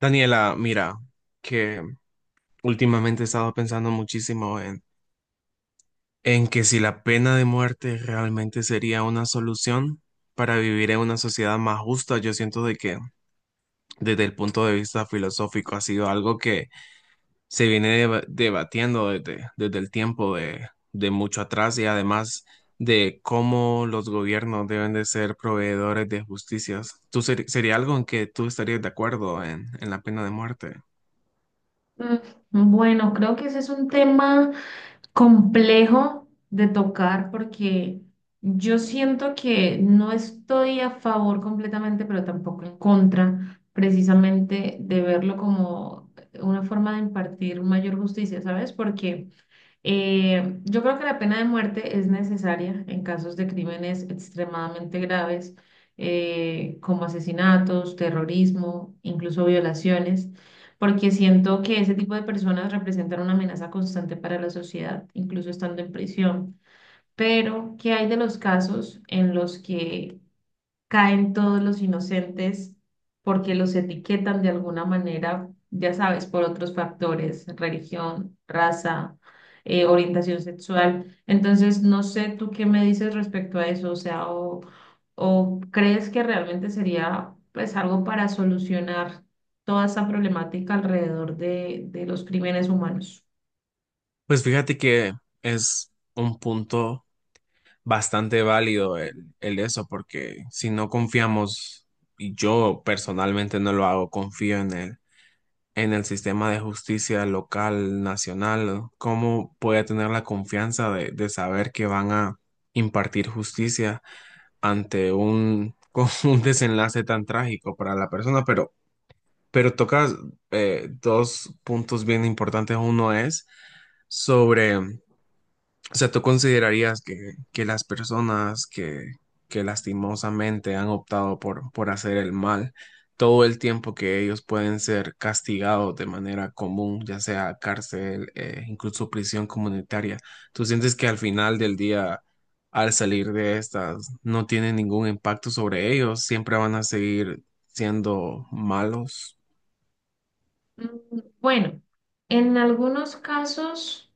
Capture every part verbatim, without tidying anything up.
Daniela, mira, que últimamente he estado pensando muchísimo en, en que si la pena de muerte realmente sería una solución para vivir en una sociedad más justa. Yo siento de que desde el punto de vista filosófico ha sido algo que se viene deba- debatiendo desde, desde el tiempo de, de mucho atrás, y además de cómo los gobiernos deben de ser proveedores de justicias. ¿Tú ser- sería algo en que tú estarías de acuerdo en, en la pena de muerte? Mm, Bueno, creo que ese es un tema complejo de tocar porque yo siento que no estoy a favor completamente, pero tampoco en contra, precisamente de verlo como una forma de impartir mayor justicia, ¿sabes? Porque eh, yo creo que la pena de muerte es necesaria en casos de crímenes extremadamente graves, eh, como asesinatos, terrorismo, incluso violaciones, porque siento que ese tipo de personas representan una amenaza constante para la sociedad, incluso estando en prisión. Pero ¿qué hay de los casos en los que caen todos los inocentes porque los etiquetan de alguna manera, ya sabes, por otros factores, religión, raza, eh, orientación sexual? Entonces, no sé tú qué me dices respecto a eso, o sea, o, o crees que realmente sería pues algo para solucionar toda esa problemática alrededor de, de los crímenes humanos. Pues fíjate que es un punto bastante válido el, el eso, porque si no confiamos, y yo personalmente no lo hago, confío en el, en el sistema de justicia local, nacional. ¿Cómo puede tener la confianza de, de saber que van a impartir justicia ante un, con un desenlace tan trágico para la persona? Pero, pero tocas eh, dos puntos bien importantes. Uno es sobre, o sea, ¿tú considerarías que, que las personas que, que lastimosamente han optado por, por hacer el mal, todo el tiempo que ellos pueden ser castigados de manera común, ya sea cárcel, eh, incluso prisión comunitaria? ¿Tú sientes que al final del día, al salir de estas, no tiene ningún impacto sobre ellos? ¿Siempre van a seguir siendo malos? Mm, Bueno, en algunos casos...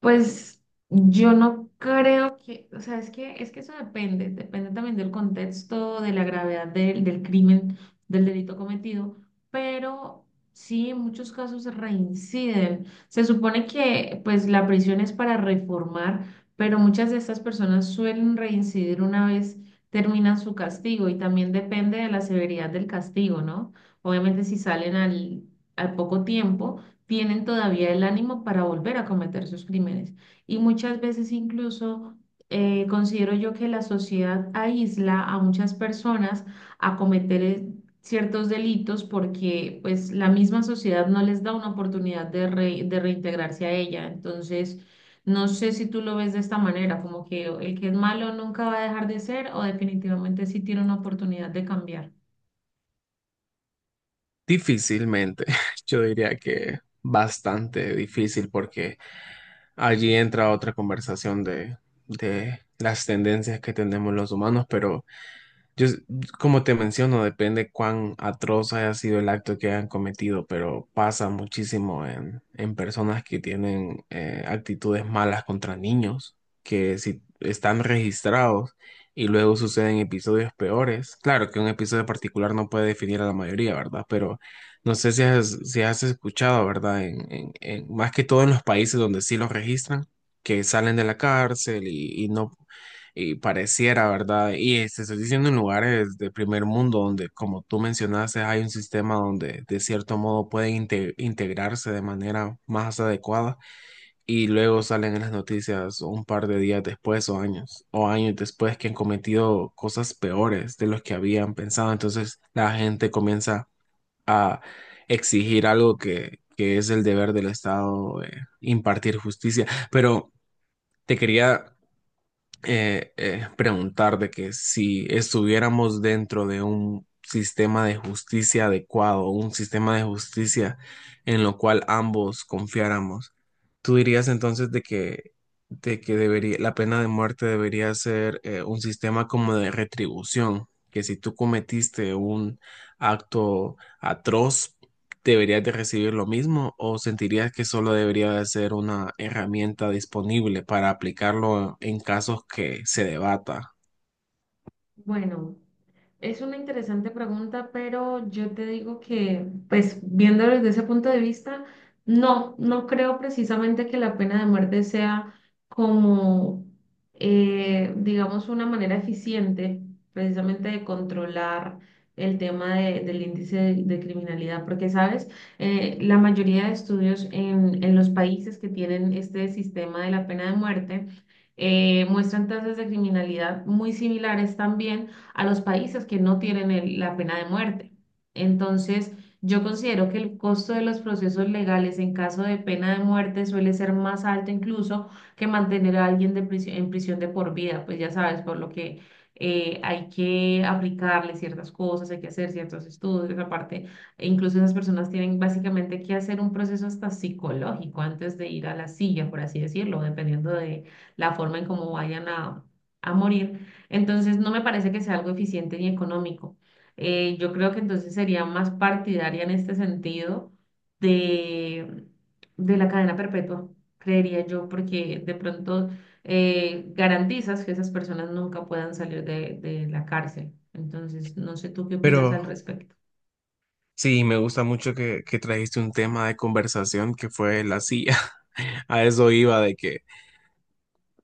Pues yo no creo que, o sea, es que, es que eso depende, depende también del contexto, de la gravedad del, del crimen, del delito cometido, pero sí, en muchos casos reinciden. Se supone que pues la prisión es para reformar, pero muchas de estas personas suelen reincidir una vez terminan su castigo y también depende de la severidad del castigo, ¿no? Obviamente si salen al, al poco tiempo tienen todavía el ánimo para volver a cometer sus crímenes. Y muchas veces incluso eh, considero yo que la sociedad aísla a muchas personas a cometer eh, ciertos delitos porque pues la misma sociedad no les da una oportunidad de, re- de reintegrarse a ella. Entonces, no sé si tú lo ves de esta manera, como que el que es malo nunca va a dejar de ser o definitivamente sí tiene una oportunidad de cambiar. Difícilmente, yo diría que bastante difícil, porque allí entra otra conversación de, de las tendencias que tenemos los humanos. Pero yo, s- como te menciono, depende cuán atroz haya sido el acto que hayan cometido, pero pasa muchísimo en, en personas que tienen eh, actitudes malas contra niños, que si están registrados y luego suceden episodios peores. Claro que un episodio particular no puede definir a la mayoría, ¿verdad? Pero no sé si has, si has escuchado, ¿verdad? En, en- en- más que todo en los países donde sí los registran, que salen de la cárcel y, y no, y pareciera, ¿verdad? Y eh, te estoy diciendo en lugares de primer mundo donde, como tú mencionaste, hay un sistema donde de cierto modo pueden inte- integrarse de manera más adecuada, y luego salen en las noticias un par de días después, o años o años después, que han cometido cosas peores de los que habían pensado. Entonces la gente comienza a exigir algo que, que es el deber del Estado, eh, impartir justicia. Pero te quería eh, eh, preguntar de que si estuviéramos dentro de un sistema de justicia adecuado, un sistema de justicia en lo cual ambos confiáramos, ¿tú dirías entonces de que, de que debería, la pena de muerte debería ser eh, un sistema como de retribución, que si tú cometiste un acto atroz, deberías de recibir lo mismo, o sentirías que solo debería de ser una herramienta disponible para aplicarlo en casos que se debata? Bueno. Es una interesante pregunta, pero yo te digo que, pues, viéndolo desde ese punto de vista, no, no creo precisamente que la pena de muerte sea como, eh, digamos, una manera eficiente precisamente de controlar el tema de- del índice de, de criminalidad, porque, ¿sabes? Eh, la mayoría de estudios en, en los países que tienen este sistema de la pena de muerte eh, muestran tasas de criminalidad muy similares también a los países que no tienen el- la pena de muerte. Entonces, yo considero que el costo de los procesos legales en caso de pena de muerte suele ser más alto incluso que mantener a alguien de prisi- en prisión de por vida, pues ya sabes, por lo que eh, hay que aplicarle ciertas cosas, hay que hacer ciertos estudios, aparte, e incluso esas personas tienen básicamente que hacer un proceso hasta psicológico antes de ir a la silla, por así decirlo, dependiendo de la forma en cómo vayan a, a morir. Entonces, no me parece que sea algo eficiente ni económico. Eh, yo creo que entonces sería más partidaria en este sentido de, de la cadena perpetua, creería yo, porque de pronto eh, garantizas que esas personas nunca puedan salir de, de la cárcel. Entonces, no sé tú qué opinas Pero al respecto. sí, me gusta mucho que, que trajiste un tema de conversación que fue la silla. A eso iba de que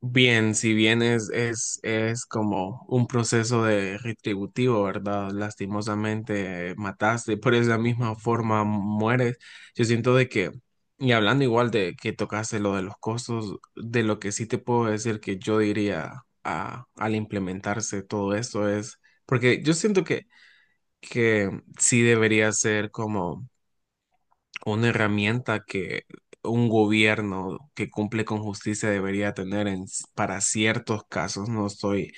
bien, si bien es, es, es como un proceso de retributivo, ¿verdad? Lastimosamente, eh, mataste, por esa misma forma mueres. Yo siento de que, y hablando igual de que tocaste lo de los costos, de lo que sí te puedo decir que yo diría a- al implementarse todo esto es, porque yo siento que, que sí debería ser como una herramienta que un gobierno que cumple con justicia debería tener en, s- para ciertos casos. No estoy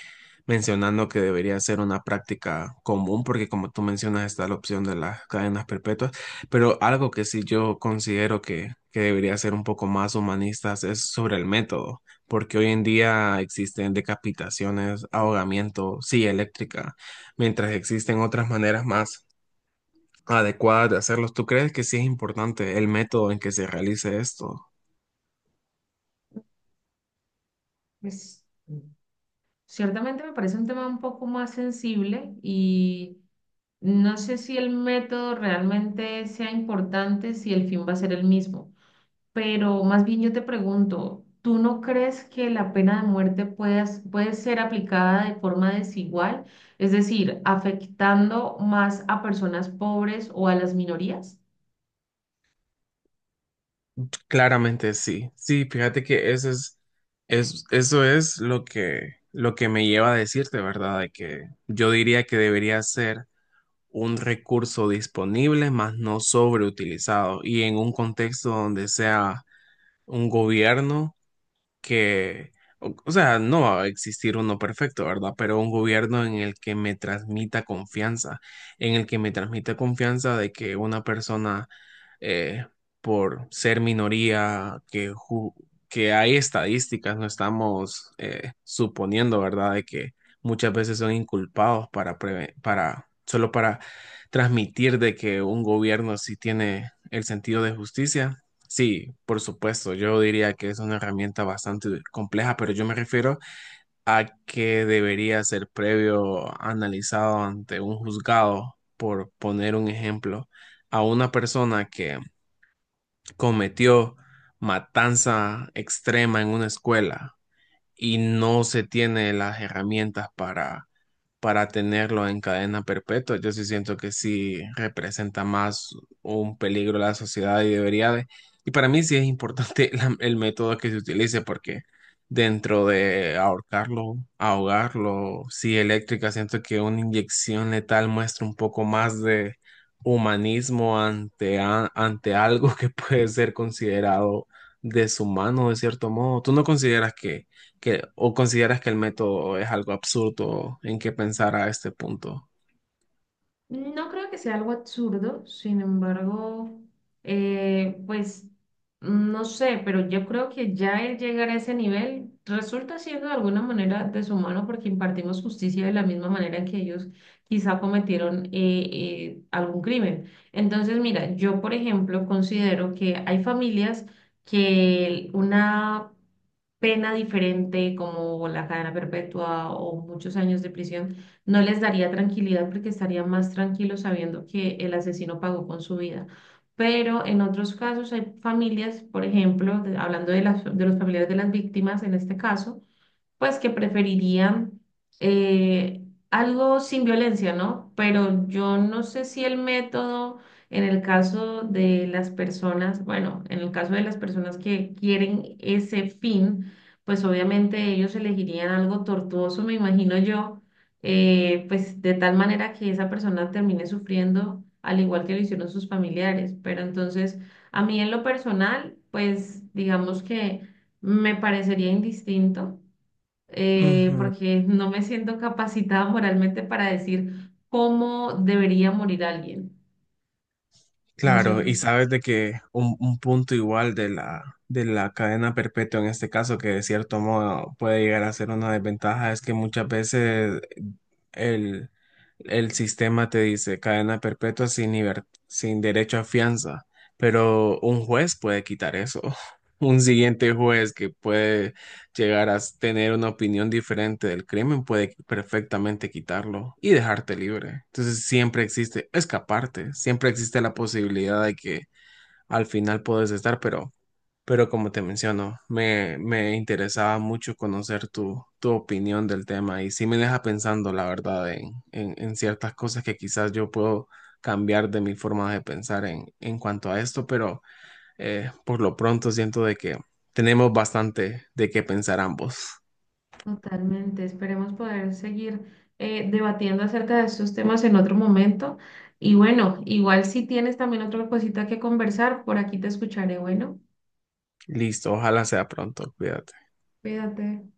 mencionando que debería ser una práctica común, porque como tú mencionas está la opción de las cadenas perpetuas, pero algo que sí yo considero que, que debería ser un poco más humanistas es sobre el método, porque hoy en día existen decapitaciones, ahogamiento, silla eléctrica, mientras existen otras maneras más adecuadas de hacerlos. ¿Tú crees que sí es importante el método en que se realice esto? Pues, ciertamente me parece un tema un poco más sensible y no sé si el método realmente sea importante, si el fin va a ser el mismo. Pero más bien yo te pregunto, ¿tú no crees que la pena de muerte puedas- puede ser aplicada de forma desigual? Es decir, ¿afectando más a personas pobres o a las minorías? Claramente sí. Sí, fíjate que ese es, es- eso es lo que, lo que me lleva a decirte, ¿verdad? De que yo diría que debería ser un recurso disponible, más no sobreutilizado, y en un contexto donde sea un gobierno. Que, o, o sea, no va a existir uno perfecto, ¿verdad? Pero un gobierno en el que me transmita confianza, en el que me transmita confianza de que una persona, eh, por ser minoría, que, ju- que hay estadísticas, no estamos eh, suponiendo, ¿verdad? De que muchas veces son inculpados para, preve- para, solo para transmitir de que un gobierno sí tiene el sentido de justicia. Sí, por supuesto, yo diría que es una herramienta bastante compleja, pero yo me refiero a que debería ser previo analizado ante un juzgado, por poner un ejemplo, a una persona que cometió matanza extrema en una escuela y no se tiene las herramientas para, para tenerlo en cadena perpetua. Yo sí siento que sí representa más un peligro a la sociedad, y debería de... Y para mí sí es importante la- el método que se utilice, porque dentro de ahorcarlo, ahogarlo, sí eléctrica, siento que una inyección letal muestra un poco más de humanismo ante, a- ante algo que puede ser considerado deshumano de cierto modo. ¿Tú no consideras que que, o consideras que el método es algo absurdo en que pensar a este punto? No creo que sea algo absurdo, sin embargo, eh, pues no sé, pero yo creo que ya el llegar a ese nivel resulta siendo de alguna manera deshumano porque impartimos justicia de la misma manera en que ellos quizá cometieron eh, eh, algún crimen. Entonces, mira, yo por ejemplo considero que hay familias que una pena diferente como la cadena perpetua o muchos años de prisión, no les daría tranquilidad porque estarían más tranquilos sabiendo que el asesino pagó con su vida. Pero en otros casos hay familias, por ejemplo, de- hablando de las, de los familiares de las víctimas en este caso, pues que preferirían eh, algo sin violencia, ¿no? Pero yo no sé si el método en el caso de las personas, bueno, en el caso de las personas que quieren ese fin, pues obviamente ellos elegirían algo tortuoso, me imagino yo, eh, pues de tal manera que esa persona termine sufriendo al igual que lo hicieron sus familiares. Pero entonces, a mí en lo personal, pues digamos que me parecería indistinto eh, Ujú. porque no me siento capacitada moralmente para decir cómo debería morir alguien. No sé Claro, tú. y sabes de que un, un punto igual de la, de la cadena perpetua en este caso, que de cierto modo puede llegar a ser una desventaja, es que muchas veces el, el sistema te dice cadena perpetua sin liber- sin derecho a fianza, pero un juez puede quitar eso. Un siguiente juez que puede llegar a s- tener una opinión diferente del crimen puede perfectamente quitarlo y dejarte libre. Entonces siempre existe escaparte, siempre existe la posibilidad de que al final puedes estar, pero pero como te menciono, me, me interesaba mucho conocer tu, tu opinión del tema, y sí me deja pensando, la verdad, en, en, en ciertas cosas que quizás yo puedo cambiar de mi forma de pensar en, en cuanto a esto. Pero eh, por lo pronto siento de que tenemos bastante de qué pensar ambos. Totalmente. Esperemos poder seguir eh, debatiendo acerca de estos temas en otro momento. Y bueno, igual si tienes también otra cosita que conversar, por aquí te escucharé. Bueno, Listo, ojalá sea pronto, cuídate. cuídate.